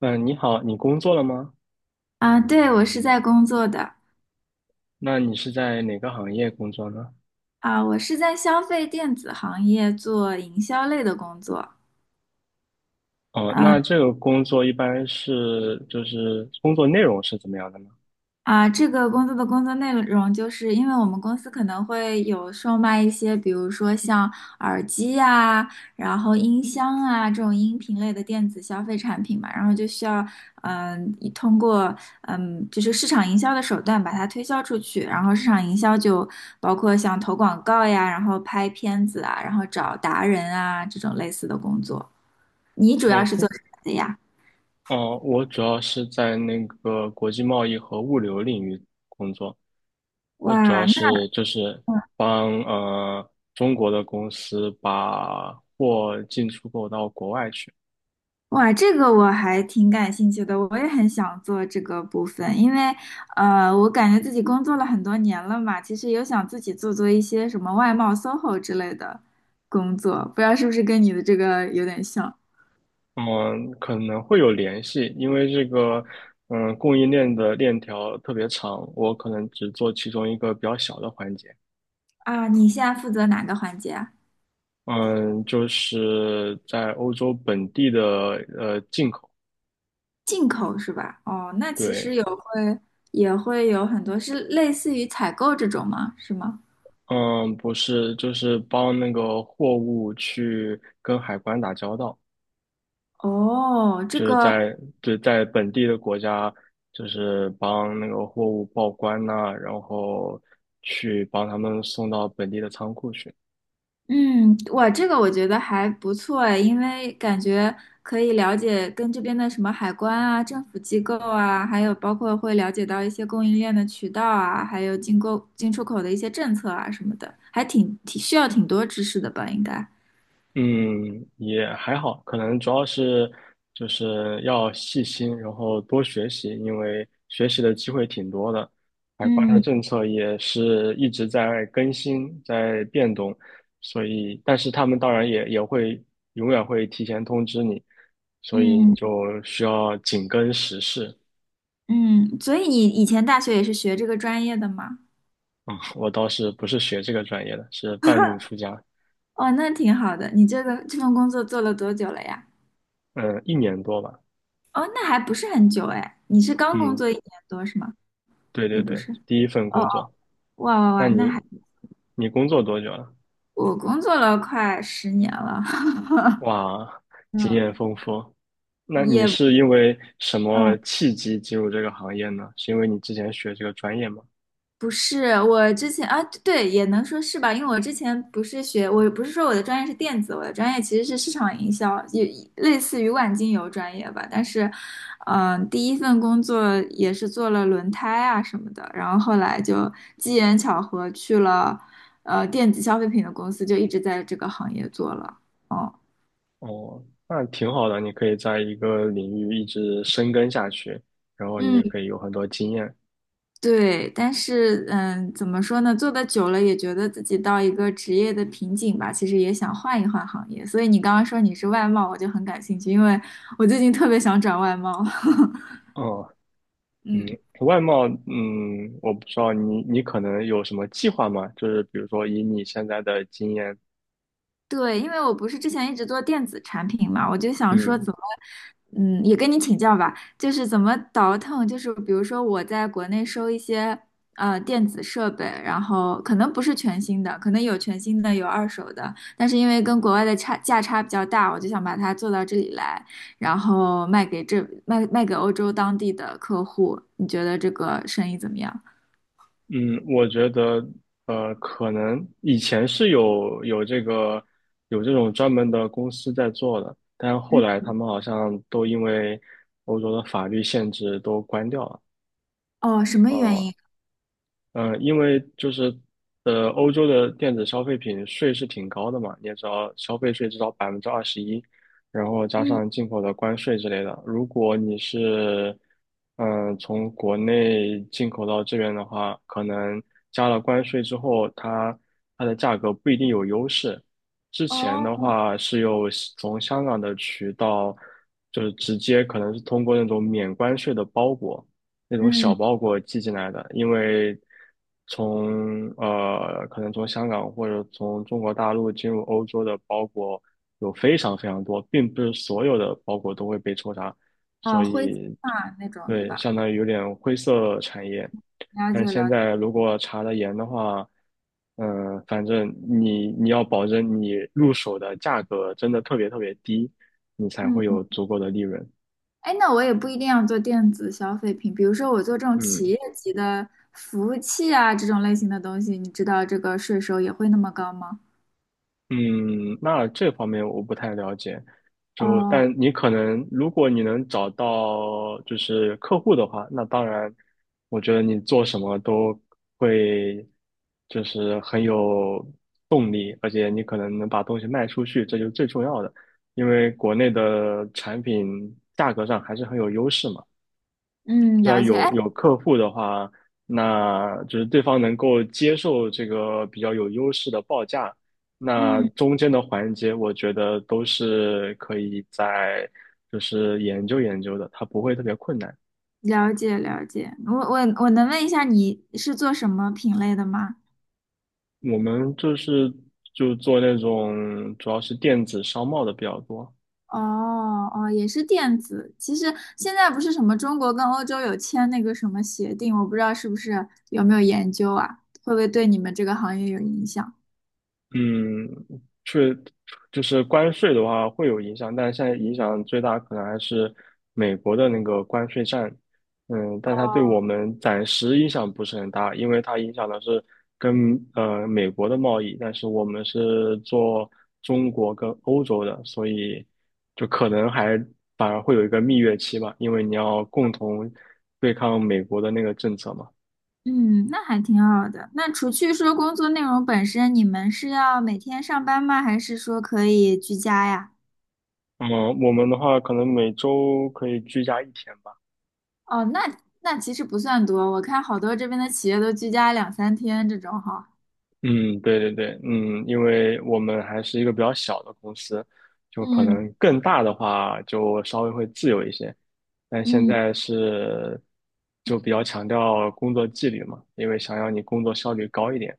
嗯，你好，你工作了吗？啊，对，我是在工作的。那你是在哪个行业工作呢？啊，我是在消费电子行业做营销类的工作。哦，那啊。这个工作一般就是工作内容是怎么样的呢？啊，这个工作的工作内容，就是因为我们公司可能会有售卖一些，比如说像耳机啊，然后音箱啊这种音频类的电子消费产品嘛，然后就需要，通过就是市场营销的手段把它推销出去，然后市场营销就包括像投广告呀，然后拍片子啊，然后找达人啊这种类似的工作。你主要我是做听，什么的呀？哦，我主要是在那个国际贸易和物流领域工作。我主哇，要那。就是帮中国的公司把货进出口到国外去。哇，这个我还挺感兴趣的，我也很想做这个部分，因为，我感觉自己工作了很多年了嘛，其实有想自己做做一些什么外贸、SOHO 之类的工作，不知道是不是跟你的这个有点像。嗯，可能会有联系，因为这个，供应链的链条特别长，我可能只做其中一个比较小的环节。啊？你现在负责哪个环节啊？嗯，就是在欧洲本地的进口，进口是吧？哦，那其实对，也会有很多是类似于采购这种吗？是吗？嗯，不是，就是帮那个货物去跟海关打交道，哦，这就是个在对在本地的国家，就是帮那个货物报关呐、然后去帮他们送到本地的仓库去。嗯，哇，这个我觉得还不错诶，因为感觉可以了解跟这边的什么海关啊、政府机构啊，还有包括会了解到一些供应链的渠道啊，还有进购、进出口的一些政策啊什么的，还挺挺需要挺多知识的吧，应该。嗯，也还好，可能主要就是要细心，然后多学习，因为学习的机会挺多的。海关的嗯政策也是一直在更新，在变动，所以，但是他们当然也会永远会提前通知你，所以你嗯就需要紧跟时事。嗯，所以你以前大学也是学这个专业的吗？我倒是不是学这个专业的，是半路出家，哦，那挺好的。你这个这份工作做了多久了呀？嗯，一年多吧，哦，那还不是很久哎，你是刚工嗯，作1年多是吗？对对也不对，是。第一份哦，工作。哇哇那哇，那你还。你工作多久了？我工作了快10年了，哇，经验嗯，丰富。那你也是因为什么嗯契机进入这个行业呢？是因为你之前学这个专业吗？不是，我之前啊对，也能说是吧，因为我之前不是学，我不是说我的专业是电子，我的专业其实是市场营销，也类似于万金油专业吧，但是，嗯，第一份工作也是做了轮胎啊什么的，然后后来就机缘巧合去了电子消费品的公司，就一直在这个行业做了，哦。哦，那挺好的，你可以在一个领域一直深耕下去，然后你嗯。可以有很多经验。对，但是嗯，怎么说呢？做的久了也觉得自己到一个职业的瓶颈吧，其实也想换一换行业。所以你刚刚说你是外贸，我就很感兴趣，因为我最近特别想转外贸。哦，嗯，嗯。外贸，我不知道你可能有什么计划吗？就是比如说以你现在的经验，对，因为我不是之前一直做电子产品嘛，我就想说嗯。怎么，嗯，也跟你请教吧，就是怎么倒腾，就是比如说我在国内收一些电子设备，然后可能不是全新的，可能有全新的，有二手的，但是因为跟国外的差价差比较大，我就想把它做到这里来，然后卖给欧洲当地的客户，你觉得这个生意怎么样？嗯，我觉得，可能以前是有这种专门的公司在做的，但是后来嗯，他们好像都因为欧洲的法律限制都关掉了。哦，什么原哦、因？嗯，因为就是欧洲的电子消费品税是挺高的嘛，你也知道，消费税至少21%，然后加嗯，上进口的关税之类的。如果你是从国内进口到这边的话，可能加了关税之后，它的价格不一定有优势。之前哦，的话是有从香港的渠道，就是直接可能是通过那种免关税的包裹。那种小嗯，包裹寄进来的，因为从可能从香港或者从中国大陆进入欧洲的包裹有非常非常多，并不是所有的包裹都会被抽查，哦，所灰机以化那种，对对，吧？相当于有点灰色产业。了解但是现了解。在如果查得严的话，反正你要保证你入手的价格真的特别特别低，你才会嗯，有足够的利润。哎，那我也不一定要做电子消费品，比如说我做这种企嗯，业级的服务器啊，这种类型的东西，你知道这个税收也会那么高吗？嗯，那这方面我不太了解，就哦，但你可能如果你能找到就是客户的话，那当然，我觉得你做什么都会就是很有动力，而且你可能能把东西卖出去，这就是最重要的，因为国内的产品价格上还是很有优势嘛。嗯，只要了解，有哎，有客户的话，那就是对方能够接受这个比较有优势的报价，那嗯，中间的环节，我觉得都是可以在就是研究研究的，它不会特别困难。了解了解，我能问一下你是做什么品类的吗？我们就是就做那种主要是电子商贸的比较多。哦哦，也是电子。其实现在不是什么中国跟欧洲有签那个什么协定，我不知道是不是有没有研究啊，会不会对你们这个行业有影响？嗯，确就是关税的话会有影响，但现在影响最大可能还是美国的那个关税战。但它对我哦。们暂时影响不是很大，因为它影响的是跟美国的贸易，但是我们是做中国跟欧洲的，所以就可能还反而会有一个蜜月期吧，因为你要共同对抗美国的那个政策嘛。嗯，那还挺好的。那除去说工作内容本身，你们是要每天上班吗？还是说可以居家呀？嗯，我们的话可能每周可以居家一天吧。哦，那那其实不算多。我看好多这边的企业都居家2 3天这种哈。嗯，对对对，因为我们还是一个比较小的公司，就可嗯能更大的话就稍微会自由一些，但现嗯在是就比较强调工作纪律嘛，因为想要你工作效率高一点，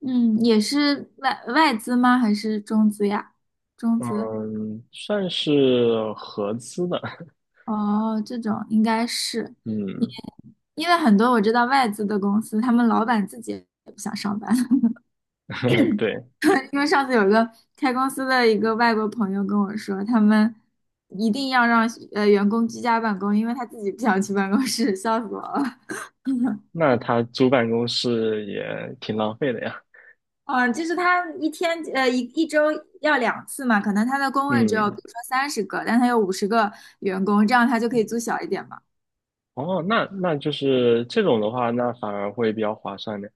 嗯，也是外资吗？还是中资呀？中资。嗯，算是合资的，哦，这种应该是，嗯，因为很多我知道外资的公司，他们老板自己也不想上班。对，因为上次有一个开公司的一个外国朋友跟我说，他们一定要让员工居家办公，因为他自己不想去办公室，笑死我了。那他租办公室也挺浪费的呀，嗯，就是他一天一周要2次嘛，可能他的工位只有比嗯如说30个，但他有50个员工，这样他就可以租小一点嘛。哦，那就是这种的话，那反而会比较划算的。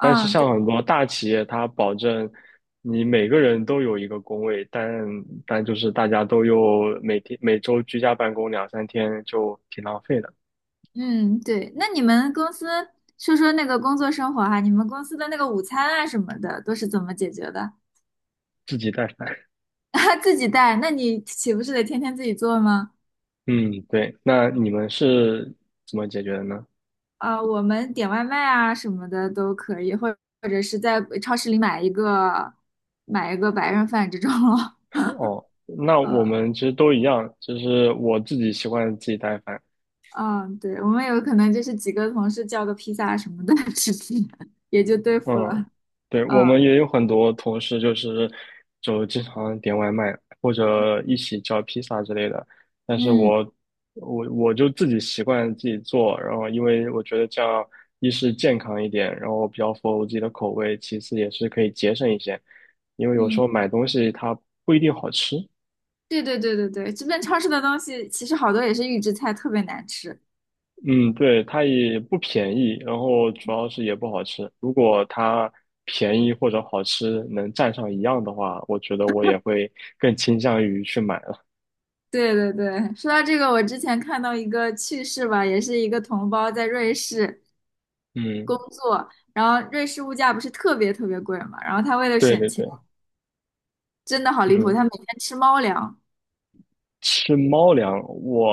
但是对，像很多大企业，它保证你每个人都有一个工位，但就是大家都又每天每周居家办公两三天，就挺浪费的，啊，对。那你们公司说说那个工作生活哈、你们公司的那个午餐啊什么的都是怎么解决的？自己带饭。自己带，那你岂不是得天天自己做吗？嗯，对。那你们是怎么解决的呢？啊，我们点外卖啊什么的都可以，或或者是在超市里买一个白人饭这种咯。哦，那我们其实都一样，就是我自己习惯自己带饭，嗯嗯，对，我们有可能就是几个同事叫个披萨什么的 吃吃，也就对付了。嗯，对，我嗯们也有很多同事就经常点外卖或者一起叫披萨之类的，但是嗯我就自己习惯自己做，然后因为我觉得这样一是健康一点，然后比较符合我自己的口味，其次也是可以节省一些，因为有时嗯，候买东西它不一定好吃，对对对对对，这边超市的东西其实好多也是预制菜，特别难吃。嗯，对，它也不便宜，然后主要是也不好吃。如果它便宜或者好吃能占上一样的话，我觉得我也会更倾向于去买了。对对对，说到这个，我之前看到一个趣事吧，也是一个同胞在瑞士工嗯，作，然后瑞士物价不是特别特别贵嘛，然后他为了对省对钱。对，真的好离谱，他嗯，每天吃猫粮。吃猫粮，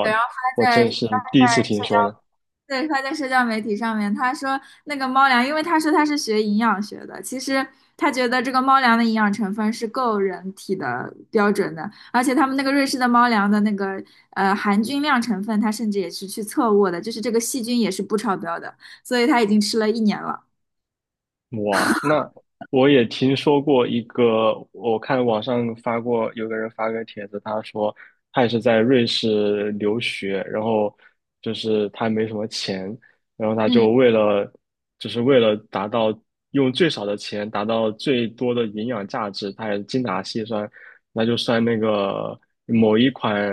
对，然后他我在真是第一次听社交，说呢。对，他在社交媒体上面，他说那个猫粮，因为他说他是学营养学的，其实他觉得这个猫粮的营养成分是够人体的标准的，而且他们那个瑞士的猫粮的那个含菌量成分，他甚至也是去测过的，就是这个细菌也是不超标的，所以他已经吃了一年了。哇，那我也听说过一个，我看网上发过，有个人发个帖子，他说他也是在瑞士留学，然后就是他没什么钱，然后他就嗯，为了达到用最少的钱达到最多的营养价值，他也精打细算，那就算那个某一款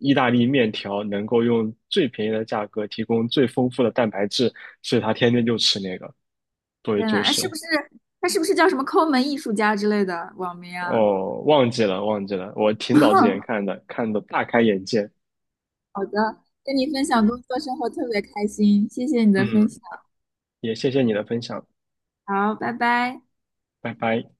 意大利面条能够用最便宜的价格提供最丰富的蛋白质，所以他天天就吃那个作为天呐，主那是食。不是他是不是叫什么抠门艺术家之类的网名啊？哦，忘记了，忘记了，我挺早之前看的，看的大开眼界。好的，跟你分享工作生活特别开心，谢谢你的分嗯，享。也谢谢你的分享，好，拜拜。拜拜。